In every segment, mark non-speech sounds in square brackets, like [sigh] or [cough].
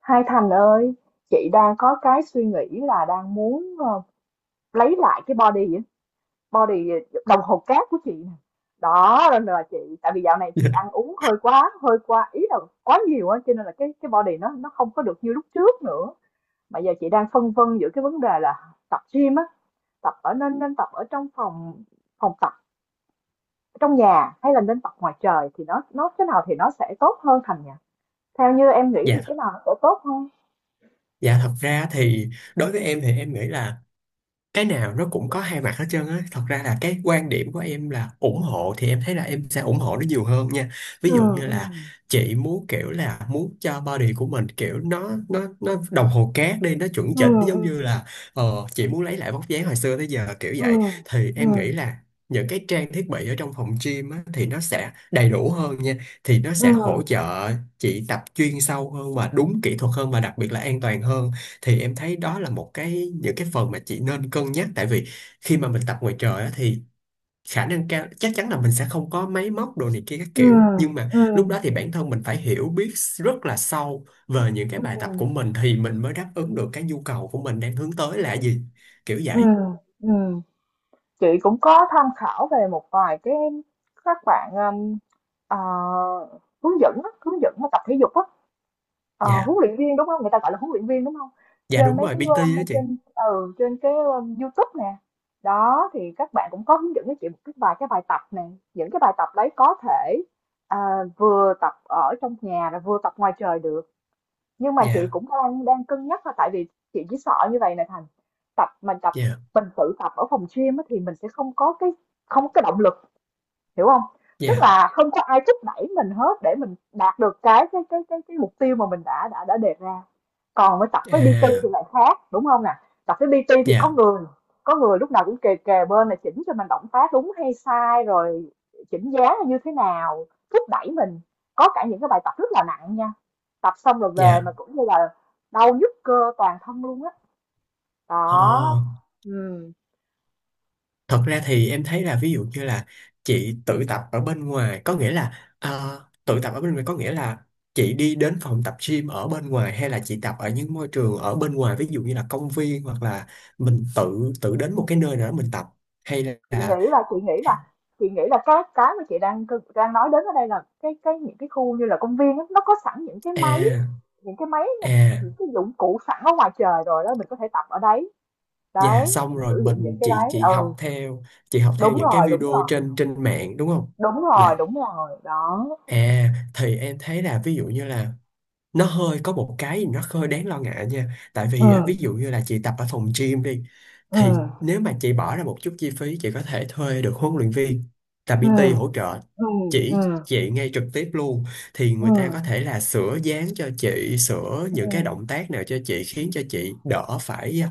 Hai Thành ơi, chị đang có cái suy nghĩ là đang muốn lấy lại cái body á, body ờ, đồng hồ cát của chị nè. Đó nên là chị tại vì dạo này [laughs] chị Dạ, ăn uống hơi quá ý là quá nhiều á cho nên là cái body nó không có được như lúc trước nữa. Mà giờ chị đang phân vân giữa cái vấn đề là tập gym á, tập ở nên nên tập ở trong phòng phòng tập trong nhà hay là nên tập ngoài trời thì nó cái nào thì nó sẽ tốt hơn Thành nhỉ? Theo như em nghĩ thì cái dạ, nào nó sẽ tốt hơn? dạ, thật ra thì đối với em thì em nghĩ là cái nào nó cũng có hai mặt hết trơn á. Thật ra là cái quan điểm của em là ủng hộ thì em thấy là em sẽ ủng hộ nó nhiều hơn nha. Ví Ừ, dụ như ừ. là chị muốn kiểu là muốn cho body của mình kiểu nó đồng hồ cát đi nó chuẩn Ừ, chỉnh ừ. giống như là chị muốn lấy lại vóc dáng hồi xưa tới giờ kiểu Ừ, vậy. Thì ừ, em nghĩ là những cái trang thiết bị ở trong phòng gym á, thì nó sẽ đầy đủ hơn nha. Thì nó ừ, sẽ hỗ trợ chị tập chuyên sâu hơn và đúng kỹ thuật hơn và đặc biệt là an toàn hơn. Thì em thấy đó là một cái những cái phần mà chị nên cân nhắc, tại vì khi mà mình tập ngoài trời á, thì khả năng cao chắc chắn là mình sẽ không có máy móc đồ này kia các ừ, kiểu. Nhưng mà ừ, lúc đó thì bản thân mình phải hiểu biết rất là sâu về những cái ừ, bài tập của mình thì mình mới đáp ứng được cái nhu cầu của mình đang hướng tới là gì, kiểu ừ, vậy. ừm. Chị cũng có tham khảo về một vài cái các bạn à, hướng dẫn á, hướng dẫn mà tập thể dục á, ờ, Dạ, huấn luyện viên đúng không? Người ta gọi là huấn luyện viên đúng không? dạ, Trên đúng mấy rồi. cái PT đó chị. trên trên cái YouTube nè. Đó thì các bạn cũng có hướng dẫn cho chị một cái vài cái bài tập nè. Những cái bài tập đấy có thể à, vừa tập ở trong nhà rồi vừa tập ngoài trời được nhưng mà chị Dạ, cũng đang đang cân nhắc thôi tại vì chị chỉ sợ như vậy này Thành, tập mà tập dạ, mình tự tập ở phòng gym á, thì mình sẽ không có cái động lực, hiểu không, tức dạ, là không có ai thúc đẩy mình hết để mình đạt được cái mục tiêu mà mình đã đề ra, còn với tập với PT thì à, lại khác, đúng không nè? Tập với PT thì có dạ, người có người lúc nào cũng kề kề bên là chỉnh cho mình động tác đúng hay sai, rồi chỉnh dáng là như thế nào, thúc đẩy mình. Có cả những cái bài tập rất là nặng nha, tập xong rồi về dạ, mà cũng như là đau nhức cơ toàn thân luôn á. ờ. Đó, ừm. Thật ra thì em thấy là ví dụ như là chị tự tập ở bên ngoài có nghĩa là tự tập ở bên ngoài có nghĩa là chị đi đến phòng tập gym ở bên ngoài, hay là chị tập ở những môi trường ở bên ngoài, ví dụ như là công viên, hoặc là mình tự tự đến một cái nơi nào đó mình tập, hay chị là nghĩ là chị nghĩ là chị nghĩ là cái mà chị đang đang nói đến ở đây là cái những cái khu như là công viên á, nó có sẵn những cái máy, à, những cái máy à, những cái dụng cụ sẵn ở ngoài trời rồi đó, mình có thể tập ở đấy, dạ đấy xong mình rồi sử dụng những mình cái chị đấy. chị Ừ, học theo, chị học theo đúng những cái rồi đúng video rồi trên trên mạng, đúng không? đúng rồi, Dạ. đúng rồi đó. À, thì em thấy là ví dụ như là nó hơi có một cái nó hơi đáng lo ngại nha, tại Ừ, vì á, ví dụ như là chị tập ở phòng gym đi, ừ, thì nếu mà chị bỏ ra một chút chi phí chị có thể thuê được huấn luyện viên là ừ, PT hỗ trợ, ừ, ừ, chỉ chị ngay trực tiếp luôn, thì người ta có thể là sửa dáng cho chị, sửa ừ, những cái động tác nào cho chị, khiến cho chị đỡ phải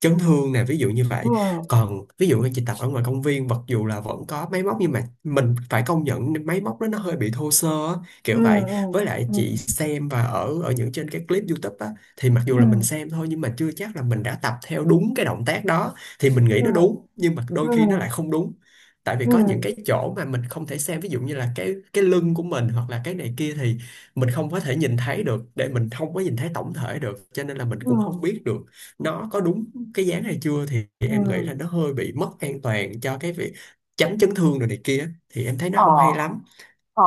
chấn thương nè, ví dụ như ừ, vậy. ừ, Còn ví dụ như chị tập ở ngoài công viên, mặc dù là vẫn có máy móc nhưng mà mình phải công nhận máy móc đó nó hơi bị thô sơ á, ừ, kiểu vậy. Với lại ừ, chị xem và ở ở những trên cái clip YouTube á, thì mặc ừ, dù ừ, là mình xem thôi nhưng mà chưa chắc là mình đã tập theo đúng cái động tác đó. Thì mình nghĩ ừ, nó đúng nhưng mà đôi ừ, khi nó lại không đúng, tại vì ừ, có những ừ, cái chỗ mà mình không thể xem, ví dụ như là cái lưng của mình hoặc là cái này kia thì mình không có thể nhìn thấy được, để mình không có nhìn thấy tổng thể được cho nên là mình ừ, cũng không biết được nó có đúng cái dáng hay chưa. Thì em nghĩ là ừ, nó hơi bị mất an toàn cho cái việc tránh chấn thương rồi này kia, thì em thấy nó ờ. không hay lắm. Ờ,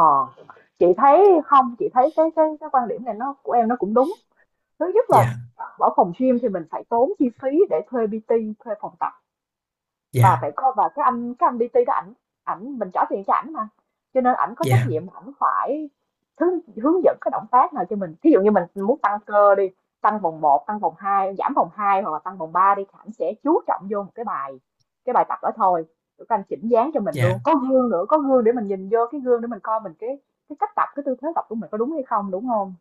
chị thấy không, chị thấy cái quan điểm này nó của em nó cũng đúng. Thứ nhất là Dạ, ở phòng gym thì mình phải tốn chi phí để thuê PT, thuê phòng tập và phải dạ, coi và cái anh đi đó, ảnh, ảnh mình trả tiền cho ảnh mà, cho nên ảnh có trách dạ, nhiệm, ảnh phải hướng, hướng dẫn cái động tác nào cho mình, thí dụ như mình muốn tăng cơ đi, tăng vòng một, tăng vòng hai, giảm vòng 2 hoặc là tăng vòng 3 đi, thì ảnh sẽ chú trọng vô một cái bài tập đó thôi, rồi các anh chỉnh dáng cho mình luôn, dạ, có gương nữa, có gương để mình nhìn vô cái gương để mình coi mình cái cách tập, cái tư thế tập của mình có đúng hay không, đúng không,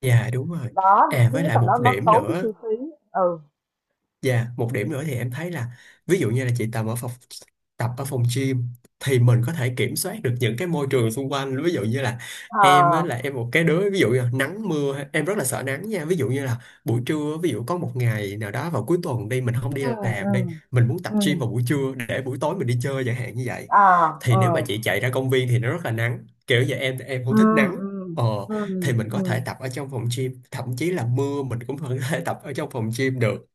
dạ, đúng rồi. đó. À, Thứ với nhất lại là một nó điểm tốn cái nữa. chi phí. Ừ, Dạ, một điểm nữa thì em thấy là ví dụ như là chị tập ở phòng gym thì mình có thể kiểm soát được những cái môi trường xung quanh, ví dụ như là em á, là à, em một cái đứa ví dụ như là nắng mưa em rất là sợ nắng nha. Ví dụ như là buổi trưa ví dụ có một ngày nào đó vào cuối tuần đi, mình không đi ừ, làm đi, ừ, mình muốn tập ừ, gym vào buổi trưa để buổi tối mình đi chơi chẳng hạn như vậy. à, Thì ừ, nếu mà chị chạy ra công viên thì nó rất là nắng kiểu vậy, em ừ, không thích nắng, ừ, ờ, thì mình có ừ, thể tập ở trong phòng gym, thậm chí là mưa mình cũng vẫn có thể [laughs] tập ở trong phòng gym được.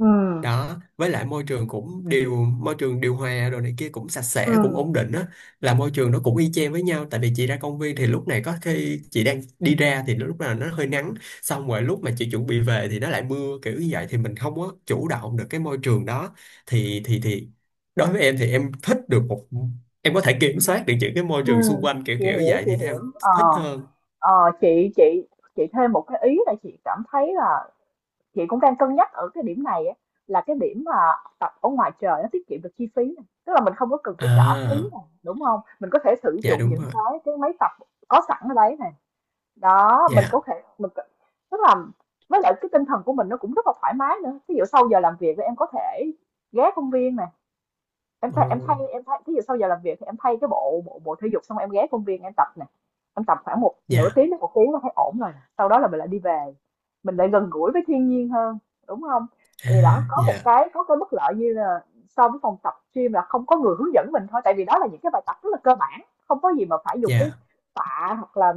ừ, ừ, Đó, với lại môi trường cũng môi trường điều hòa rồi này kia cũng sạch sẽ cũng ừ, ổn định á, là môi trường nó cũng y chang với nhau. Tại vì chị ra công viên thì lúc này có khi chị đang đi ra thì lúc nào nó hơi nắng, xong rồi lúc mà chị chuẩn bị về thì nó lại mưa, kiểu như vậy, thì mình không có chủ động được cái môi trường đó. Thì đối với em thì em thích được một em có thể kiểm soát được những cái môi ừ, trường xung quanh kiểu chị kiểu hiểu, vậy chị thì em hiểu. Ờ, thích hơn. ờ, chị chị chị thêm một cái ý là chị cảm thấy là chị cũng đang cân nhắc ở cái điểm này á, là cái điểm mà tập ở ngoài trời nó tiết kiệm được chi phí này, tức là mình không có cần phải trả phí À, này, đúng không? Mình có thể sử dạ, dụng đúng những rồi. cái máy tập có sẵn ở đấy này. Đó, mình có Dạ, thể mình có- tức là với lại cái tinh thần của mình nó cũng rất là thoải mái nữa. Ví dụ sau giờ làm việc thì em có thể ghé công viên này, ô, em thay cái gì sau giờ làm việc thì em thay cái bộ bộ bộ thể dục xong em ghé công viên em tập nè, em tập khoảng một nửa dạ, tiếng đến một tiếng là thấy ổn rồi, sau đó là mình lại đi về, mình lại gần gũi với thiên nhiên hơn, đúng không, à, thì đó có một dạ, cái, có cái bất lợi như là so với phòng tập gym là không có người hướng dẫn mình thôi, tại vì đó là những cái bài tập rất là cơ bản, không có gì mà phải dùng tới dạ. tạ hoặc là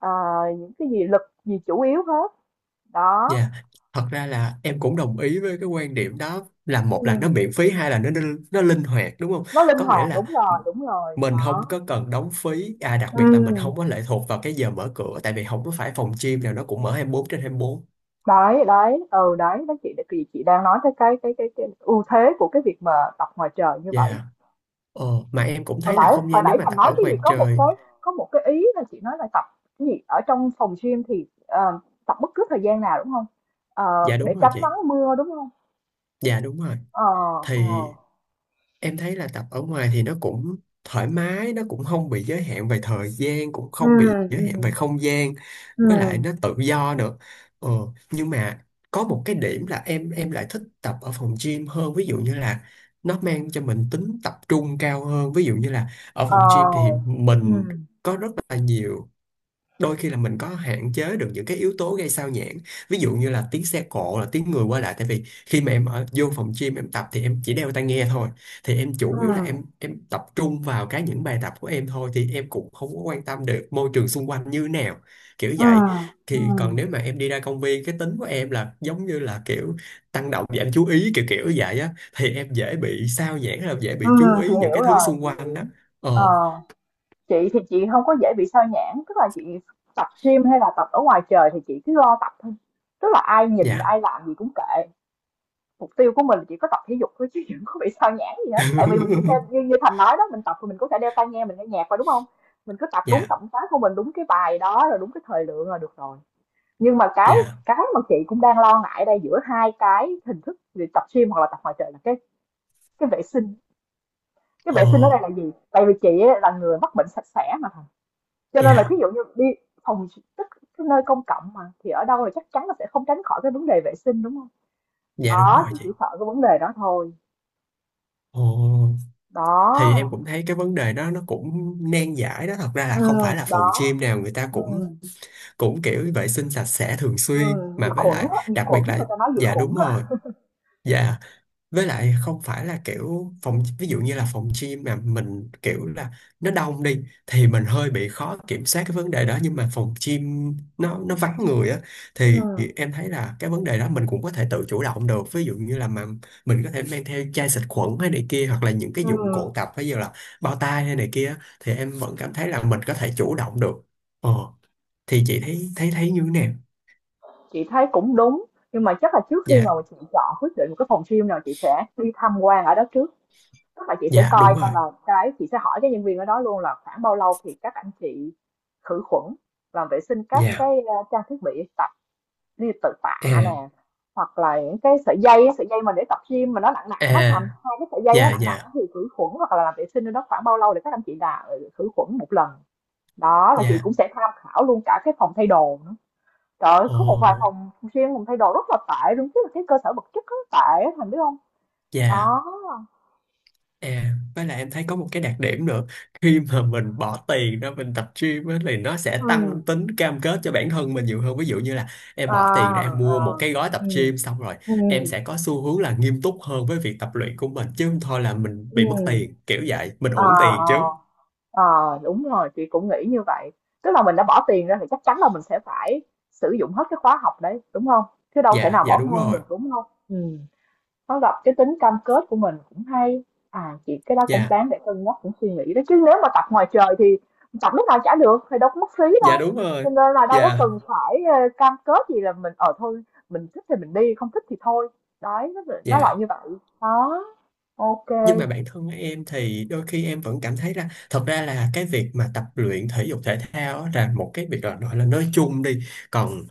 à, những cái gì lực gì chủ yếu hết. Đó. Dạ, thật ra là em cũng đồng ý với cái quan điểm đó là một là nó miễn Ừ. phí, hai là nó linh hoạt, đúng không? Nó linh Có nghĩa hoạt, là đúng rồi mình đó. không có cần đóng phí, à, đặc Ừ. biệt là mình không có lệ thuộc vào cái giờ mở cửa tại vì không có phải phòng gym nào nó cũng mở hai mươi bốn trên 24. đấy đấy ừ, đấy đó, chị thì chị đang nói tới cái ưu thế của cái việc mà tập ngoài trời như vậy. Dạ. Ờ, mà em cũng hồi thấy là nãy không hồi gian nếu nãy mà Thành tập nói ở cái gì ngoài có một trời, cái, có một cái ý là chị nói là tập cái gì ở trong phòng gym thì tập bất cứ thời gian nào đúng không. Ờ, dạ để đúng rồi tránh chị. nắng mưa đúng không. Dạ đúng rồi. Ờ, ờ, Thì em thấy là tập ở ngoài thì nó cũng thoải mái, nó cũng không bị giới hạn về thời gian cũng ừ, không bị giới ừ, hạn về không gian, ừ, với lại nó tự do nữa. Ờ, nhưng mà có một cái điểm là em lại thích tập ở phòng gym hơn, ví dụ như là nó mang cho mình tính tập trung cao hơn. Ví dụ như là ở ờ, phòng gym thì ừ, mình có rất là nhiều, đôi khi là mình có hạn chế được những cái yếu tố gây sao nhãng, ví dụ như là tiếng xe cộ là tiếng người qua lại. Tại vì khi mà em ở vô phòng gym em tập thì em chỉ đeo tai nghe thôi, thì em ừ, chủ yếu là em tập trung vào cái những bài tập của em thôi thì em cũng không có quan tâm được môi trường xung quanh như nào, kiểu ừ, vậy. ừ, Thì còn nếu mà em đi ra công viên cái tính của em là giống như là kiểu tăng động giảm chú ý kiểu kiểu vậy á thì em dễ bị sao nhãng, là dễ ừ, bị chú chị ý những hiểu cái thứ rồi xung chị quanh hiểu. đó. Ờ, Ờ, chị thì chị không có dễ bị sao nhãng, tức là chị tập gym hay là tập ở ngoài trời thì chị cứ lo tập thôi, tức là ai nhìn dạ. ai làm gì cũng kệ, mục tiêu của mình chỉ có tập thể dục thôi chứ [laughs] đừng có bị sao nhãng gì hết, tại vì mình cũng đeo như, [laughs] như Thành nói đó, mình tập thì mình cũng sẽ đeo tai nghe, mình nghe nhạc vào, đúng không, mình cứ tập đúng Dạ, động tác của mình, đúng cái bài đó rồi đúng cái thời lượng là được rồi. Nhưng mà dạ. cái mà chị cũng đang lo ngại đây giữa hai cái hình thức về tập gym hoặc là tập ngoài trời là cái vệ sinh. Cái Ồ, vệ sinh ở đây là gì, tại vì chị á, là người mắc bệnh sạch sẽ mà, cho nên là dạ, thí dụ như đi phòng tức cái nơi công cộng mà, thì ở đâu là chắc chắn là sẽ không tránh khỏi cái vấn đề vệ sinh, đúng không? dạ, đúng Đó, rồi chị chị. chỉ sợ cái vấn đề đó thôi. Ồ, thì em Đó, cũng thấy cái vấn đề đó nó cũng nan giải đó. Thật ra là không phải là phòng đó, gym nào người ta cũng ừm, cũng kiểu vệ sinh sạch sẽ thường xuyên. Diệt Mà với khuẩn lại, á, diệt đặc khuẩn, biệt là, người ta nói diệt dạ khuẩn đúng rồi. á. Dạ, với lại không phải là kiểu phòng ví dụ như là phòng gym mà mình kiểu là nó đông đi thì mình hơi bị khó kiểm soát cái vấn đề đó, nhưng mà phòng gym nó vắng người á, thì Ừm, em thấy là cái vấn đề đó mình cũng có thể tự chủ động được. Ví dụ như là mà mình có thể mang theo chai xịt khuẩn hay này kia, hoặc là những cái dụng ừm, cụ tập ví dụ là bao tay hay này kia á, thì em vẫn cảm thấy là mình có thể chủ động được. Ờ, thì chị thấy thấy thấy như thế nào. chị thấy cũng đúng, nhưng mà chắc là trước khi mà Dạ, chị chọn quyết định một cái phòng gym nào chị sẽ đi tham quan ở đó trước. Tức là chị sẽ dạ, đúng coi rồi. coi là chị sẽ hỏi cái nhân viên ở đó luôn là khoảng bao lâu thì các anh chị khử khuẩn, làm vệ sinh các Dạ, cái, a, trang thiết bị tập, đi tự tạ à, nè hoặc là những cái sợi dây á, sợi dây mà để tập gym mà nó nặng nặng á, thành à, hai cái sợi dây nó dạ, nặng nặng, dạ, thì khử khuẩn hoặc là làm vệ sinh nó khoảng bao lâu để các anh chị là ừ, khử khuẩn một lần. Đó, và chị dạ. cũng sẽ tham khảo luôn cả cái phòng thay đồ nữa, trời ơi, Ồ, có một vài phòng riêng, phòng thay đồ rất là tệ luôn chứ, là cái cơ sở vật chất rất tệ á, Thành biết không, dạ. đó. À, với lại em thấy có một cái đặc điểm nữa. Khi mà mình bỏ tiền ra mình tập gym á, thì nó sẽ tăng Ừ, tính cam kết cho bản thân mình nhiều hơn. Ví dụ như là em à, bỏ tiền ra em à, mua một cái gói tập ừ, gym xong rồi ừ, em sẽ có xu hướng là nghiêm túc hơn với việc tập luyện của mình. Chứ không thôi là mình bị mất ừ, tiền, kiểu vậy. Mình à, uổng tiền à. chứ. Ờ, đúng rồi, chị cũng nghĩ như vậy. Tức là mình đã bỏ tiền ra thì chắc chắn là mình sẽ phải sử dụng hết cái khóa học đấy, đúng không? Chứ đâu thể Dạ, nào dạ bỏ đúng ngang rồi. được, đúng không? Ừ. Nó gặp cái tính cam kết của mình cũng hay. À, chị cái đó cũng Dạ, đáng để cân nhắc, cũng suy nghĩ đấy. Chứ nếu mà tập ngoài trời thì tập lúc nào chả được, thì đâu có mất phí dạ đâu. đúng rồi. Cho nên là đâu có Dạ, cần phải cam kết gì là mình ở thôi, mình thích thì mình đi, không thích thì thôi. Đấy, nó loại dạ. như vậy. Đó, ok. Nhưng mà bản thân em thì đôi khi em vẫn cảm thấy là thật ra là cái việc mà tập luyện thể dục thể thao á là một cái việc là gọi là nói chung đi, còn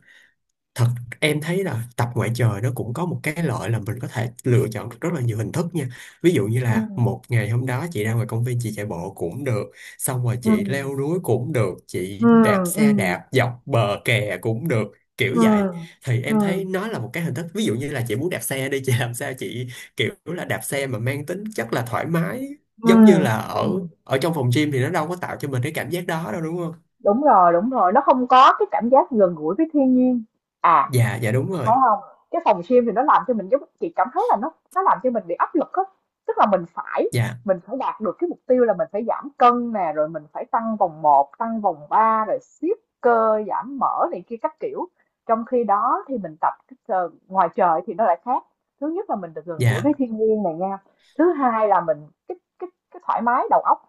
thật em thấy là tập ngoại trời nó cũng có một cái lợi là mình có thể lựa chọn được rất là nhiều hình thức nha. Ví dụ như Ừ. là một ngày hôm đó chị ra ngoài công viên chị chạy bộ cũng được, xong rồi Ừ. chị leo núi cũng được, Ừ. chị đạp Ừ. xe đạp dọc bờ kè cũng được, kiểu Ừ, vậy. Thì ừ, em thấy nó là một cái hình thức ví dụ như là chị muốn đạp xe đi chị làm sao chị kiểu là đạp xe mà mang tính chất là thoải mái, ừ, giống như là ở ừm, ở trong phòng gym thì nó đâu có tạo cho mình cái cảm giác đó đâu, đúng không? Đúng rồi, nó không có cái cảm giác gần gũi với thiên nhiên. À, Dạ, dạ, đúng rồi. phải không. Cái phòng gym thì nó làm cho mình giống chị cảm thấy là nó làm cho mình bị áp lực á, tức là Dạ, mình phải đạt được cái mục tiêu là mình phải giảm cân nè, rồi mình phải tăng vòng một, tăng vòng 3 rồi siết cơ, giảm mỡ này kia các kiểu. Trong khi đó thì mình tập cái t ngoài trời thì nó lại khác, thứ nhất là mình được gần gũi với dạ, thiên nhiên này nha, thứ hai là mình cái thoải mái đầu óc,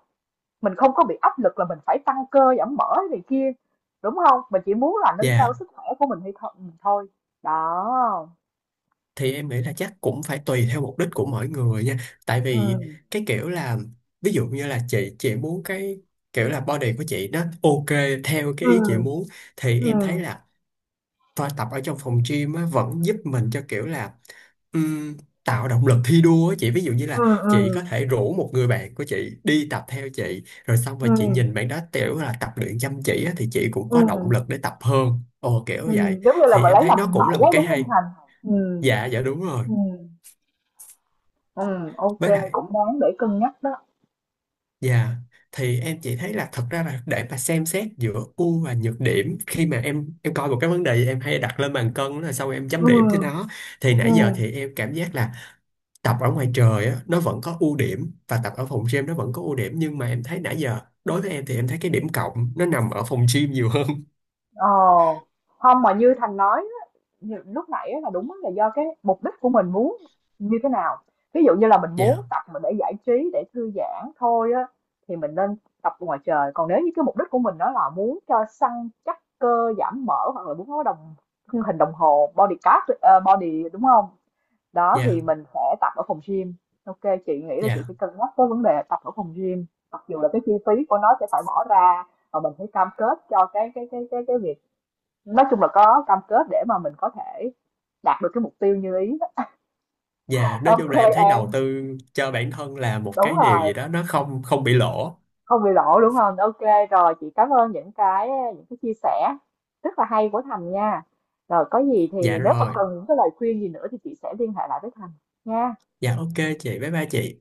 mình không có bị áp lực là mình phải tăng cơ giảm mỡ này kia, đúng không, mình chỉ muốn là nâng cao dạ. sức khỏe của mình hay thôi, mình thôi. Đó. Thì em nghĩ là chắc cũng phải tùy theo mục đích của mỗi người nha, tại vì Ừ, cái kiểu là ví dụ như là chị muốn cái kiểu là body của chị nó ok theo ừ, cái ý chị muốn, thì ừ, em thấy là thôi tập ở trong phòng gym á, vẫn giúp mình cho kiểu là ừm, tạo động lực thi đua á chị, ví dụ như ừ, là chị có ừ, thể rủ một người bạn của chị đi tập theo chị rồi xong rồi chị ừ, nhìn bạn đó kiểu là tập luyện chăm chỉ á, thì chị cũng ừ, có động lực để tập hơn, ồ kiểu ừ, vậy, giống như là thì mình em lấy thấy làm nó hình cũng là mẫu một á cái đúng không hay. Thành. Ừ, Dạ, dạ, đúng rồi. ừ, ừ, ok, Với lại cũng đáng để cân nhắc đó. dạ, thì em chỉ thấy là thật ra là để mà xem xét giữa ưu và nhược điểm khi mà em coi một cái vấn đề em hay đặt lên bàn cân là sau em chấm điểm cho Ừ, nó, thì ừ, nãy giờ thì em cảm giác là tập ở ngoài trời á, nó vẫn có ưu điểm và tập ở phòng gym nó vẫn có ưu điểm. Nhưng mà em thấy nãy giờ đối với em thì em thấy cái điểm cộng nó nằm ở phòng gym nhiều hơn. [laughs] ờ, không mà như Thành nói lúc nãy là đúng là do cái mục đích của mình muốn như thế nào. Ví dụ như là mình muốn Dạ, tập mà để giải trí, để thư giãn thôi á, thì mình nên tập ngoài trời. Còn nếu như cái mục đích của mình đó là muốn cho săn chắc cơ, giảm mỡ hoặc là muốn có đồng hình, đồng hồ body card, ờ, body đúng không. Đó, dạ, thì mình sẽ tập ở phòng gym. OK, chị nghĩ là chị sẽ dạ. cân nhắc cái vấn đề tập ở phòng gym, mặc dù là cái chi phí của nó sẽ phải bỏ ra và mình phải cam kết cho cái việc, nói chung là có cam kết để mà mình có thể đạt được cái mục tiêu như ý. Dạ, nói chung Ok là em thấy An, đầu tư cho bản thân là một đúng cái điều gì rồi, đó nó không không bị lỗ. không bị lộ đúng không, ok rồi, chị cảm ơn những cái chia sẻ rất là hay của Thành nha, rồi có gì Dạ thì nếu mà rồi. cần những cái lời khuyên gì nữa thì chị sẽ liên hệ lại với Thành nha. Dạ ok chị, bye bye chị.